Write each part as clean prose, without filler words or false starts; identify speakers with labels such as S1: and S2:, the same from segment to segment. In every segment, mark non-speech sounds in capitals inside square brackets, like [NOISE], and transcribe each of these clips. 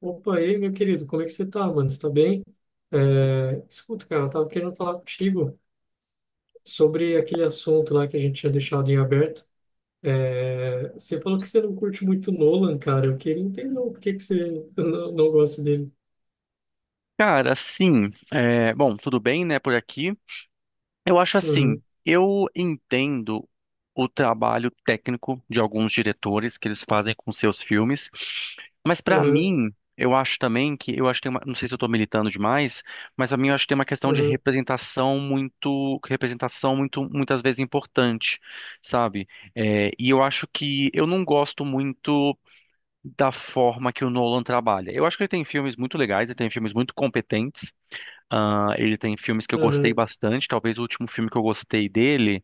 S1: Opa, e aí, meu querido, como é que você tá, mano? Você tá bem? É, escuta, cara, eu tava querendo falar contigo sobre aquele assunto lá que a gente tinha deixado em aberto. É, você falou que você não curte muito Nolan, cara. Eu queria entender o porquê que você [LAUGHS] não gosta dele.
S2: Cara, assim, é, bom, tudo bem, né, por aqui. Eu acho assim,
S1: Uhum,
S2: eu entendo o trabalho técnico de alguns diretores que eles fazem com seus filmes, mas pra
S1: uhum,
S2: mim, eu acho também que, eu acho que tem uma, não sei se eu tô militando demais, mas pra mim eu acho que tem uma questão de
S1: uhum,
S2: representação muito, muitas vezes importante, sabe? É, e eu acho que eu não gosto muito da forma que o Nolan trabalha. Eu acho que ele tem filmes muito legais, ele tem filmes muito competentes, ele tem filmes que eu gostei
S1: uhum,
S2: bastante. Talvez o último filme que eu gostei dele,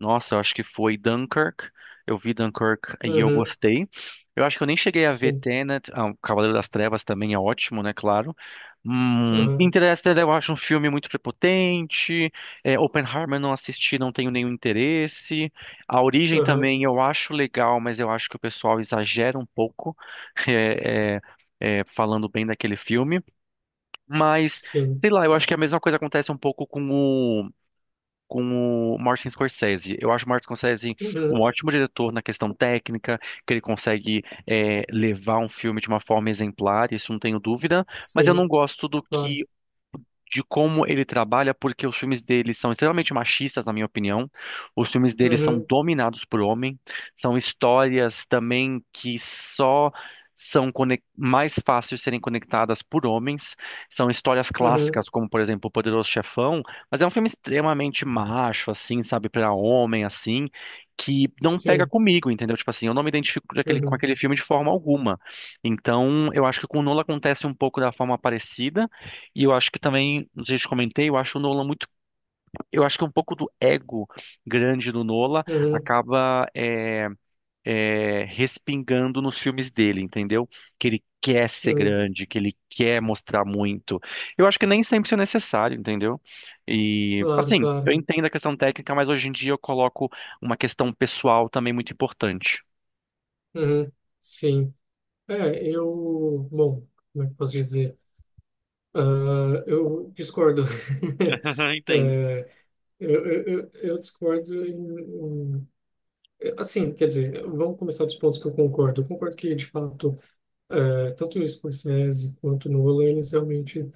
S2: nossa, eu acho que foi Dunkirk. Eu vi Dunkirk e eu
S1: uhum,
S2: gostei. Eu acho que eu nem cheguei a ver
S1: sim,
S2: Tenet. Ah, o Cavaleiro das Trevas também é ótimo, né? Claro.
S1: uhum,
S2: Interestelar eu acho um filme muito prepotente. É, Oppenheimer eu não assisti, não tenho nenhum interesse. A Origem
S1: uhum,
S2: também eu acho legal, mas eu acho que o pessoal exagera um pouco. [LAUGHS] É, é, é, falando bem daquele filme. Mas,
S1: sim,
S2: sei lá, eu acho que a mesma coisa acontece um pouco com o Martin Scorsese. Eu acho o Martin Scorsese um
S1: uhum,
S2: ótimo diretor na questão técnica, que ele consegue é, levar um filme de uma forma exemplar, isso não tenho dúvida, mas eu não
S1: sim,
S2: gosto do
S1: claro.
S2: que de como ele trabalha, porque os filmes dele são extremamente machistas, na minha opinião. Os filmes dele são
S1: Uhum,
S2: dominados por homem, são histórias também que só são mais fáceis de serem conectadas por homens. São histórias
S1: uhum,
S2: clássicas, como por exemplo O Poderoso Chefão, mas é um filme extremamente macho, assim, sabe, para homem, assim, que não pega
S1: sim,
S2: comigo, entendeu? Tipo assim, eu não me identifico com
S1: uhum,
S2: aquele filme de forma alguma. Então, eu acho que com o Nolan acontece um pouco da forma parecida. E eu acho que também, não sei se eu comentei, eu acho o Nolan muito. Eu acho que um pouco do ego grande do Nolan
S1: uhum,
S2: acaba respingando nos filmes dele, entendeu? Que ele quer ser
S1: uhum,
S2: grande, que ele quer mostrar muito. Eu acho que nem sempre isso é necessário, entendeu? E,
S1: claro,
S2: assim, eu
S1: claro,
S2: entendo a questão técnica, mas hoje em dia eu coloco uma questão pessoal também muito importante.
S1: uhum, sim. É, bom, como é que eu posso dizer? Ah, eu discordo. [LAUGHS]
S2: [LAUGHS] Entendo.
S1: É, eu discordo assim, quer dizer, vamos começar dos pontos que eu concordo. Eu concordo que, de fato, é, tanto o Scorsese quanto o Nolan, eles realmente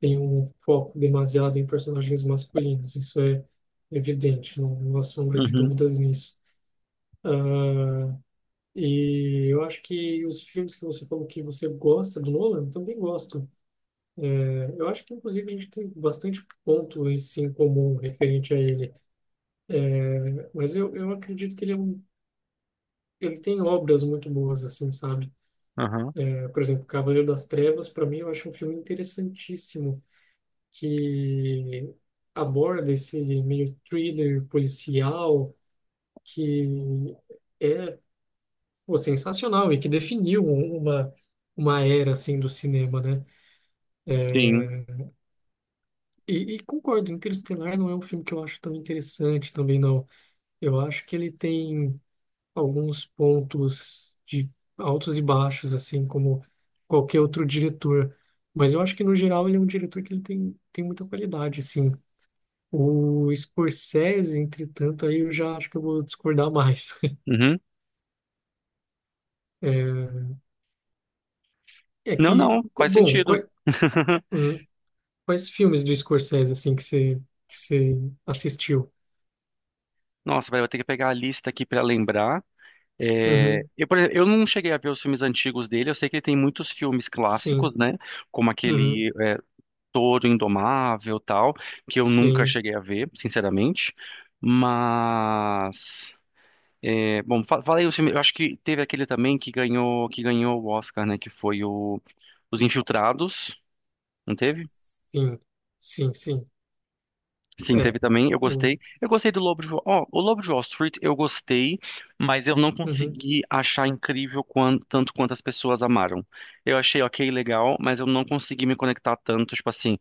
S1: têm um foco demasiado em personagens masculinos. Isso é evidente, não, não há sombra de
S2: Uhum,
S1: dúvidas nisso. Ah, e eu acho que os filmes que você falou que você gosta do Nolan, eu também gosto. É, eu acho que, inclusive, a gente tem bastante ponto em si em comum referente a ele. Mas eu acredito que ele tem obras muito boas, assim, sabe?
S2: uhum,
S1: É, por exemplo, Cavaleiro das Trevas, para mim, eu acho um filme interessantíssimo que aborda esse meio thriller policial que é, pô, sensacional e que definiu uma era, assim, do cinema, né?
S2: sim.
S1: É, e concordo, Interestelar não é um filme que eu acho tão interessante também, não. Eu acho que ele tem alguns pontos de altos e baixos, assim como qualquer outro diretor. Mas eu acho que, no geral, ele é um diretor que ele tem muita qualidade, sim. O Scorsese, entretanto, aí eu já acho que eu vou discordar mais. [LAUGHS]
S2: Uhum.
S1: É
S2: Não,
S1: que,
S2: não, faz
S1: bom,
S2: sentido. [LAUGHS]
S1: hum, quais filmes do Scorsese, assim, que você assistiu?
S2: Nossa, vai eu vou ter que pegar a lista aqui pra lembrar. É,
S1: Uhum,
S2: eu, por exemplo, eu não cheguei a ver os filmes antigos dele, eu sei que ele tem muitos filmes
S1: sim,
S2: clássicos, né? Como
S1: uhum,
S2: aquele é, Touro Indomável tal, que eu nunca
S1: sim,
S2: cheguei a ver, sinceramente. Mas, é, bom, falei os filmes, eu acho que teve aquele também que ganhou o Oscar, né? Que foi o Os Infiltrados, não teve?
S1: sim, sim, sim,
S2: Sim, teve
S1: é.
S2: também. Eu
S1: O,
S2: gostei. Eu gostei do Lobo de Wall. Ó, o Lobo de Wall Street eu gostei, mas eu não
S1: uhum,
S2: consegui achar incrível tanto quanto as pessoas amaram. Eu achei ok, legal, mas eu não consegui me conectar tanto. Tipo assim,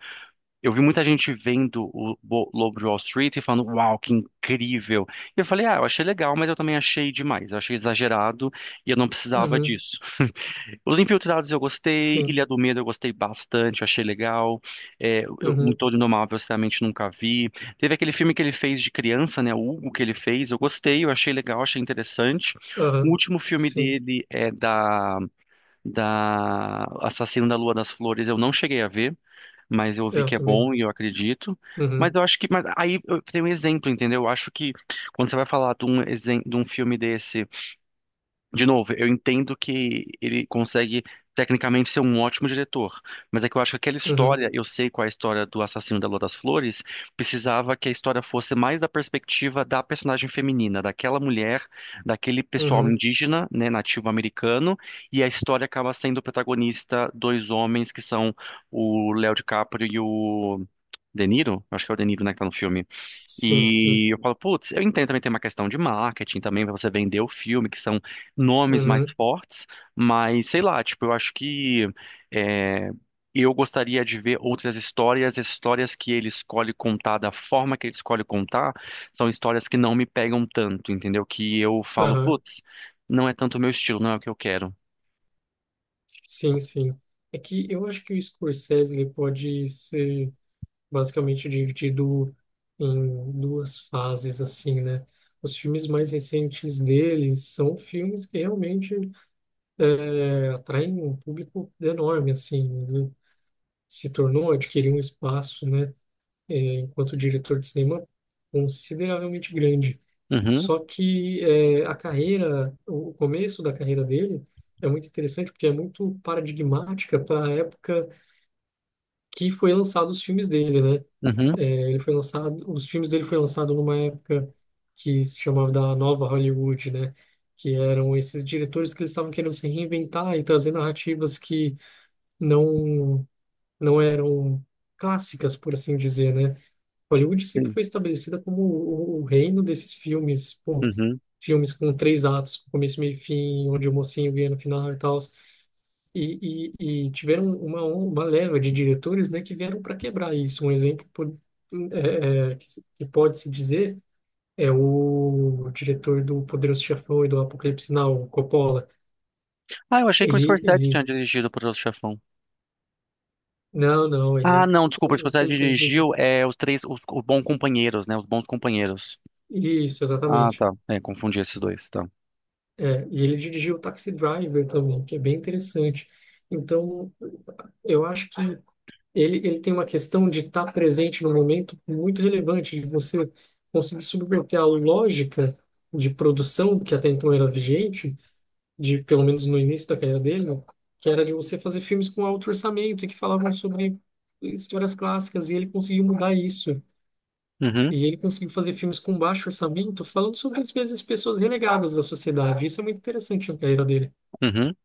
S2: eu vi muita gente vendo o Lobo de Wall Street e falando, uau, que incrível. E eu falei, ah, eu achei legal, mas eu também achei demais. Eu achei exagerado e eu não precisava
S1: uhum.
S2: disso. Os Infiltrados eu gostei,
S1: Sim.
S2: Ilha do Medo eu gostei bastante, achei legal. É, eu, um
S1: Uhum.
S2: Todo Indomável eu sinceramente nunca vi. Teve aquele filme que ele fez de criança, né? O Hugo que ele fez, eu gostei, eu achei legal, achei interessante. O
S1: Aham.
S2: último filme
S1: Sim.
S2: dele é da, da Assassino da Lua das Flores, eu não cheguei a ver, mas eu
S1: É,
S2: vi
S1: eu
S2: que é bom
S1: também.
S2: e eu acredito.
S1: Não.
S2: Mas
S1: Uhum.
S2: eu acho que. Mas aí eu tenho um exemplo, entendeu? Eu acho que quando você vai falar de um, de um filme desse. De novo, eu entendo que ele consegue tecnicamente ser um ótimo diretor, mas é que eu acho que aquela
S1: Uhum.
S2: história, eu sei qual é a história do assassino da Lua das Flores, precisava que a história fosse mais da perspectiva da personagem feminina, daquela mulher, daquele pessoal
S1: Uhum.
S2: indígena, né, nativo americano, e a história acaba sendo o protagonista dois homens que são o Léo DiCaprio e o De Niro, acho que é o De Niro, né, que tá no filme.
S1: Sim, sim.
S2: E eu falo, putz, eu entendo também tem uma questão de marketing também, pra você vender o filme, que são nomes mais
S1: Uhum.
S2: fortes, mas sei lá, tipo, eu acho que é, eu gostaria de ver outras histórias, as histórias que ele escolhe contar, da forma que ele escolhe contar, são histórias que não me pegam tanto, entendeu? Que eu falo,
S1: Aham.
S2: putz, não é tanto o meu estilo, não é o que eu quero.
S1: Sim, sim. É que eu acho que o Scorsese ele pode ser basicamente dividido em duas fases, assim, né? Os filmes mais recentes dele são filmes que realmente é, atraem um público enorme, assim. Ele se tornou, adquiriu um espaço, né? Eh, enquanto diretor de cinema consideravelmente grande.
S2: Uhum,
S1: Só que é, a carreira, o começo da carreira dele é muito interessante porque é muito paradigmática para a época que foi lançado os filmes dele, né?
S2: uhum,
S1: É, os filmes dele foi lançado numa época que se chamava da Nova Hollywood, né? Que eram esses diretores que eles estavam querendo se reinventar e trazer narrativas que não não eram clássicas, por assim dizer, né? Hollywood sempre
S2: sim,
S1: foi estabelecida como o reino desses filmes, pô,
S2: uhum.
S1: filmes com três atos, com começo, meio e fim, onde o mocinho ganha no final e tal. E tiveram uma leva de diretores, né, que vieram para quebrar isso. Um exemplo que pode se dizer é o diretor do Poderoso Chefão e do Apocalipse Now, o Coppola.
S2: Ah, eu achei que o
S1: Ele,
S2: Scorsese
S1: ele,
S2: tinha dirigido para o Poderoso Chefão.
S1: não, não,
S2: Ah,
S1: ele,
S2: não, desculpa,
S1: um um filme
S2: Responsabilidade
S1: que
S2: de
S1: ele
S2: Dirigir
S1: dirige.
S2: é os três, os bons companheiros, né? Os bons companheiros.
S1: Isso,
S2: Ah,
S1: exatamente.
S2: tá. É, confundi esses dois, tá.
S1: É, e ele dirigiu Taxi Driver também, que é bem interessante. Então, eu acho que ele tem uma questão de estar presente no momento muito relevante, de você conseguir subverter a lógica de produção que até então era vigente, de pelo menos no início da carreira dele, que era de você fazer filmes com alto orçamento e que falavam sobre histórias clássicas, e ele conseguiu mudar isso.
S2: Uhum,
S1: E ele conseguiu fazer filmes com baixo orçamento, falando sobre, às vezes, pessoas renegadas da sociedade. Isso é muito interessante na carreira dele.
S2: uhum.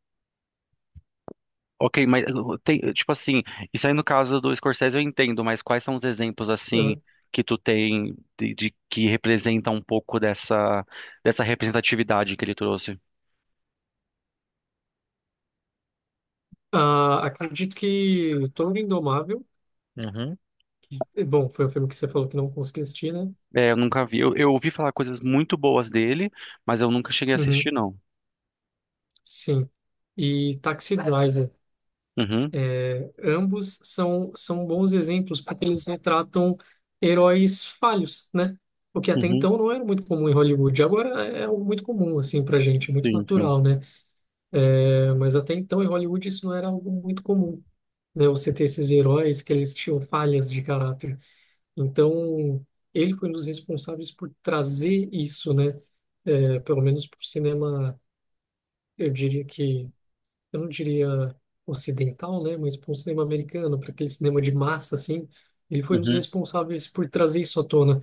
S2: Ok, mas tem, tipo assim, isso aí no caso do Scorsese eu entendo, mas quais são os exemplos, assim,
S1: Eu,
S2: que tu tem de que representa um pouco dessa, dessa representatividade que ele trouxe?
S1: ah, acredito que o Toro Indomável.
S2: Uhum.
S1: E, bom, foi o filme que você falou que não conseguiu assistir, né?
S2: É, eu nunca vi. Eu ouvi falar coisas muito boas dele, mas eu nunca cheguei a
S1: Uhum,
S2: assistir, não.
S1: sim. E Taxi Driver.
S2: Uhum,
S1: Ambos são bons exemplos porque eles retratam heróis falhos, né? O que até
S2: uhum,
S1: então não era muito comum em Hollywood. Agora é algo muito comum, assim, pra gente, muito
S2: sim, sim.
S1: natural, né? É, mas até então em Hollywood isso não era algo muito comum, né? Você ter esses heróis que eles tinham falhas de caráter. Então, ele foi um dos responsáveis por trazer isso, né? É, pelo menos para o cinema, eu diria que, eu não diria ocidental, né? Mas para o cinema americano, para aquele cinema de massa, assim, ele foi um dos
S2: Uhum,
S1: responsáveis por trazer isso à tona.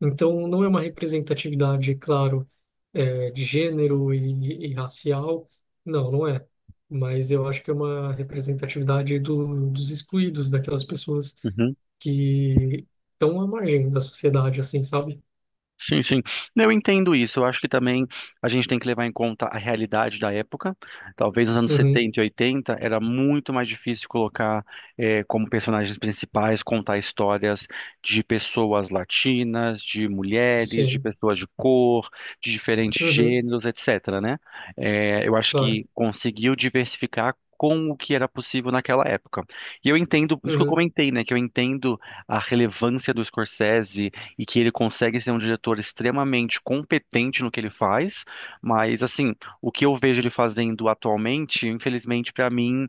S1: Então, não é uma representatividade, claro, é, de gênero e racial, não é. Mas eu acho que é uma representatividade dos excluídos, daquelas pessoas
S2: uhum.
S1: que estão à margem da sociedade, assim, sabe?
S2: Sim, sim. Eu entendo isso. Eu acho que também a gente tem que levar em conta a realidade da época. Talvez nos anos
S1: Uhum,
S2: 70 e 80 era muito mais difícil colocar como personagens principais, contar histórias de pessoas latinas, de mulheres, de
S1: sim.
S2: pessoas de cor, de diferentes
S1: Uhum,
S2: gêneros, etc., né? Eu acho
S1: claro.
S2: que conseguiu diversificar com o que era possível naquela época. E eu entendo, isso que eu
S1: Uhum,
S2: comentei, né, que eu entendo a relevância do Scorsese e que ele consegue ser um diretor extremamente competente no que ele faz, mas assim, o que eu vejo ele fazendo atualmente, infelizmente para mim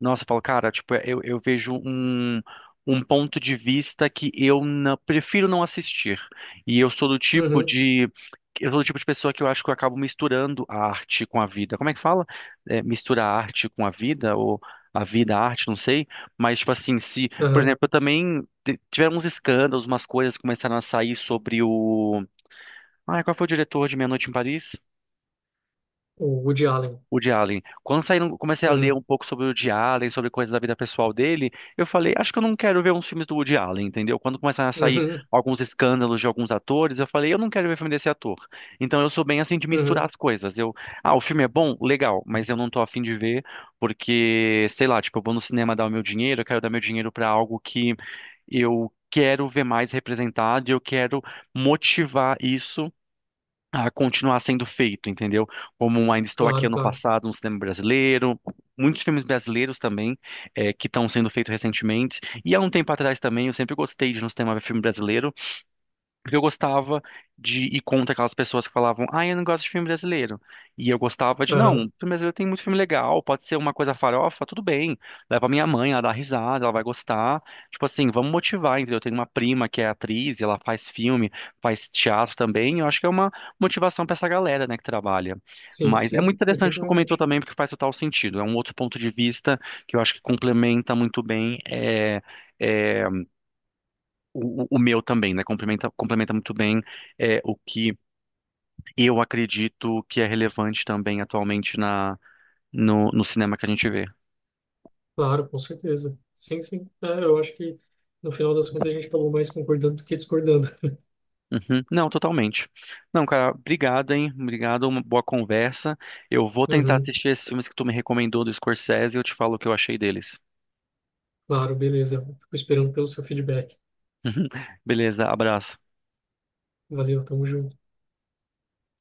S2: nossa, eu falo, cara, tipo, é, eu vejo um, um ponto de vista que eu prefiro não assistir. E eu sou do tipo
S1: uhum,
S2: de. Eu sou do tipo de pessoa que eu acho que eu acabo misturando a arte com a vida. Como é que fala? É, mistura a arte com a vida, ou a vida, a arte, não sei. Mas, tipo assim, se, por
S1: uhum.
S2: exemplo, eu também tiveram uns escândalos, umas coisas que começaram a sair sobre o. Ah, qual foi o diretor de Meia Noite em Paris?
S1: O Woody Allen.
S2: O de Allen. Quando saíram, comecei a ler
S1: Uhum,
S2: um pouco sobre o de Allen, sobre coisas da vida pessoal dele, eu falei, acho que eu não quero ver uns filmes do Woody Allen, entendeu? Quando começaram a sair
S1: uhum,
S2: alguns escândalos de alguns atores, eu falei, eu não quero ver filme desse ator. Então eu sou bem assim de misturar
S1: uhum.
S2: as coisas. Eu, ah, o filme é bom? Legal, mas eu não tô afim de ver porque, sei lá, tipo, eu vou no cinema dar o meu dinheiro, eu quero dar meu dinheiro pra algo que eu quero ver mais representado e eu quero motivar isso a continuar sendo feito, entendeu? Como um Ainda Estou Aqui
S1: Claro,
S2: ano
S1: claro.
S2: passado, no cinema brasileiro, muitos filmes brasileiros também que estão sendo feitos recentemente. E há um tempo atrás também eu sempre gostei de ir no cinema ver filme brasileiro. Porque eu gostava de ir contra aquelas pessoas que falavam, ah, eu não gosto de filme brasileiro. E eu gostava de, não,
S1: Uhum.
S2: filme brasileiro tem muito filme legal, pode ser uma coisa farofa, tudo bem. Leva pra minha mãe, ela dá risada, ela vai gostar. Tipo assim, vamos motivar, entendeu? Eu tenho uma prima que é atriz, e ela faz filme, faz teatro também. Eu acho que é uma motivação pra essa galera, né, que trabalha.
S1: Sim,
S2: Mas é muito
S1: sim,
S2: interessante o que tu comentou
S1: definitivamente.
S2: também, porque faz total sentido. É um outro ponto de vista que eu acho que complementa muito bem. É, o meu também, né? Complementa, complementa muito bem é, o que eu acredito que é relevante também atualmente na, no cinema que a gente vê.
S1: Claro, com certeza. Sim, sim. É, eu acho que no final das contas a gente acabou mais concordando do que discordando. [LAUGHS]
S2: Uhum. Não, totalmente. Não, cara, obrigado, hein? Obrigado, uma boa conversa. Eu vou tentar
S1: Uhum,
S2: assistir esses filmes que tu me recomendou do Scorsese e eu te falo o que eu achei deles.
S1: claro, beleza. Fico esperando pelo seu feedback.
S2: [LAUGHS] Beleza, abraço.
S1: Valeu, tamo junto.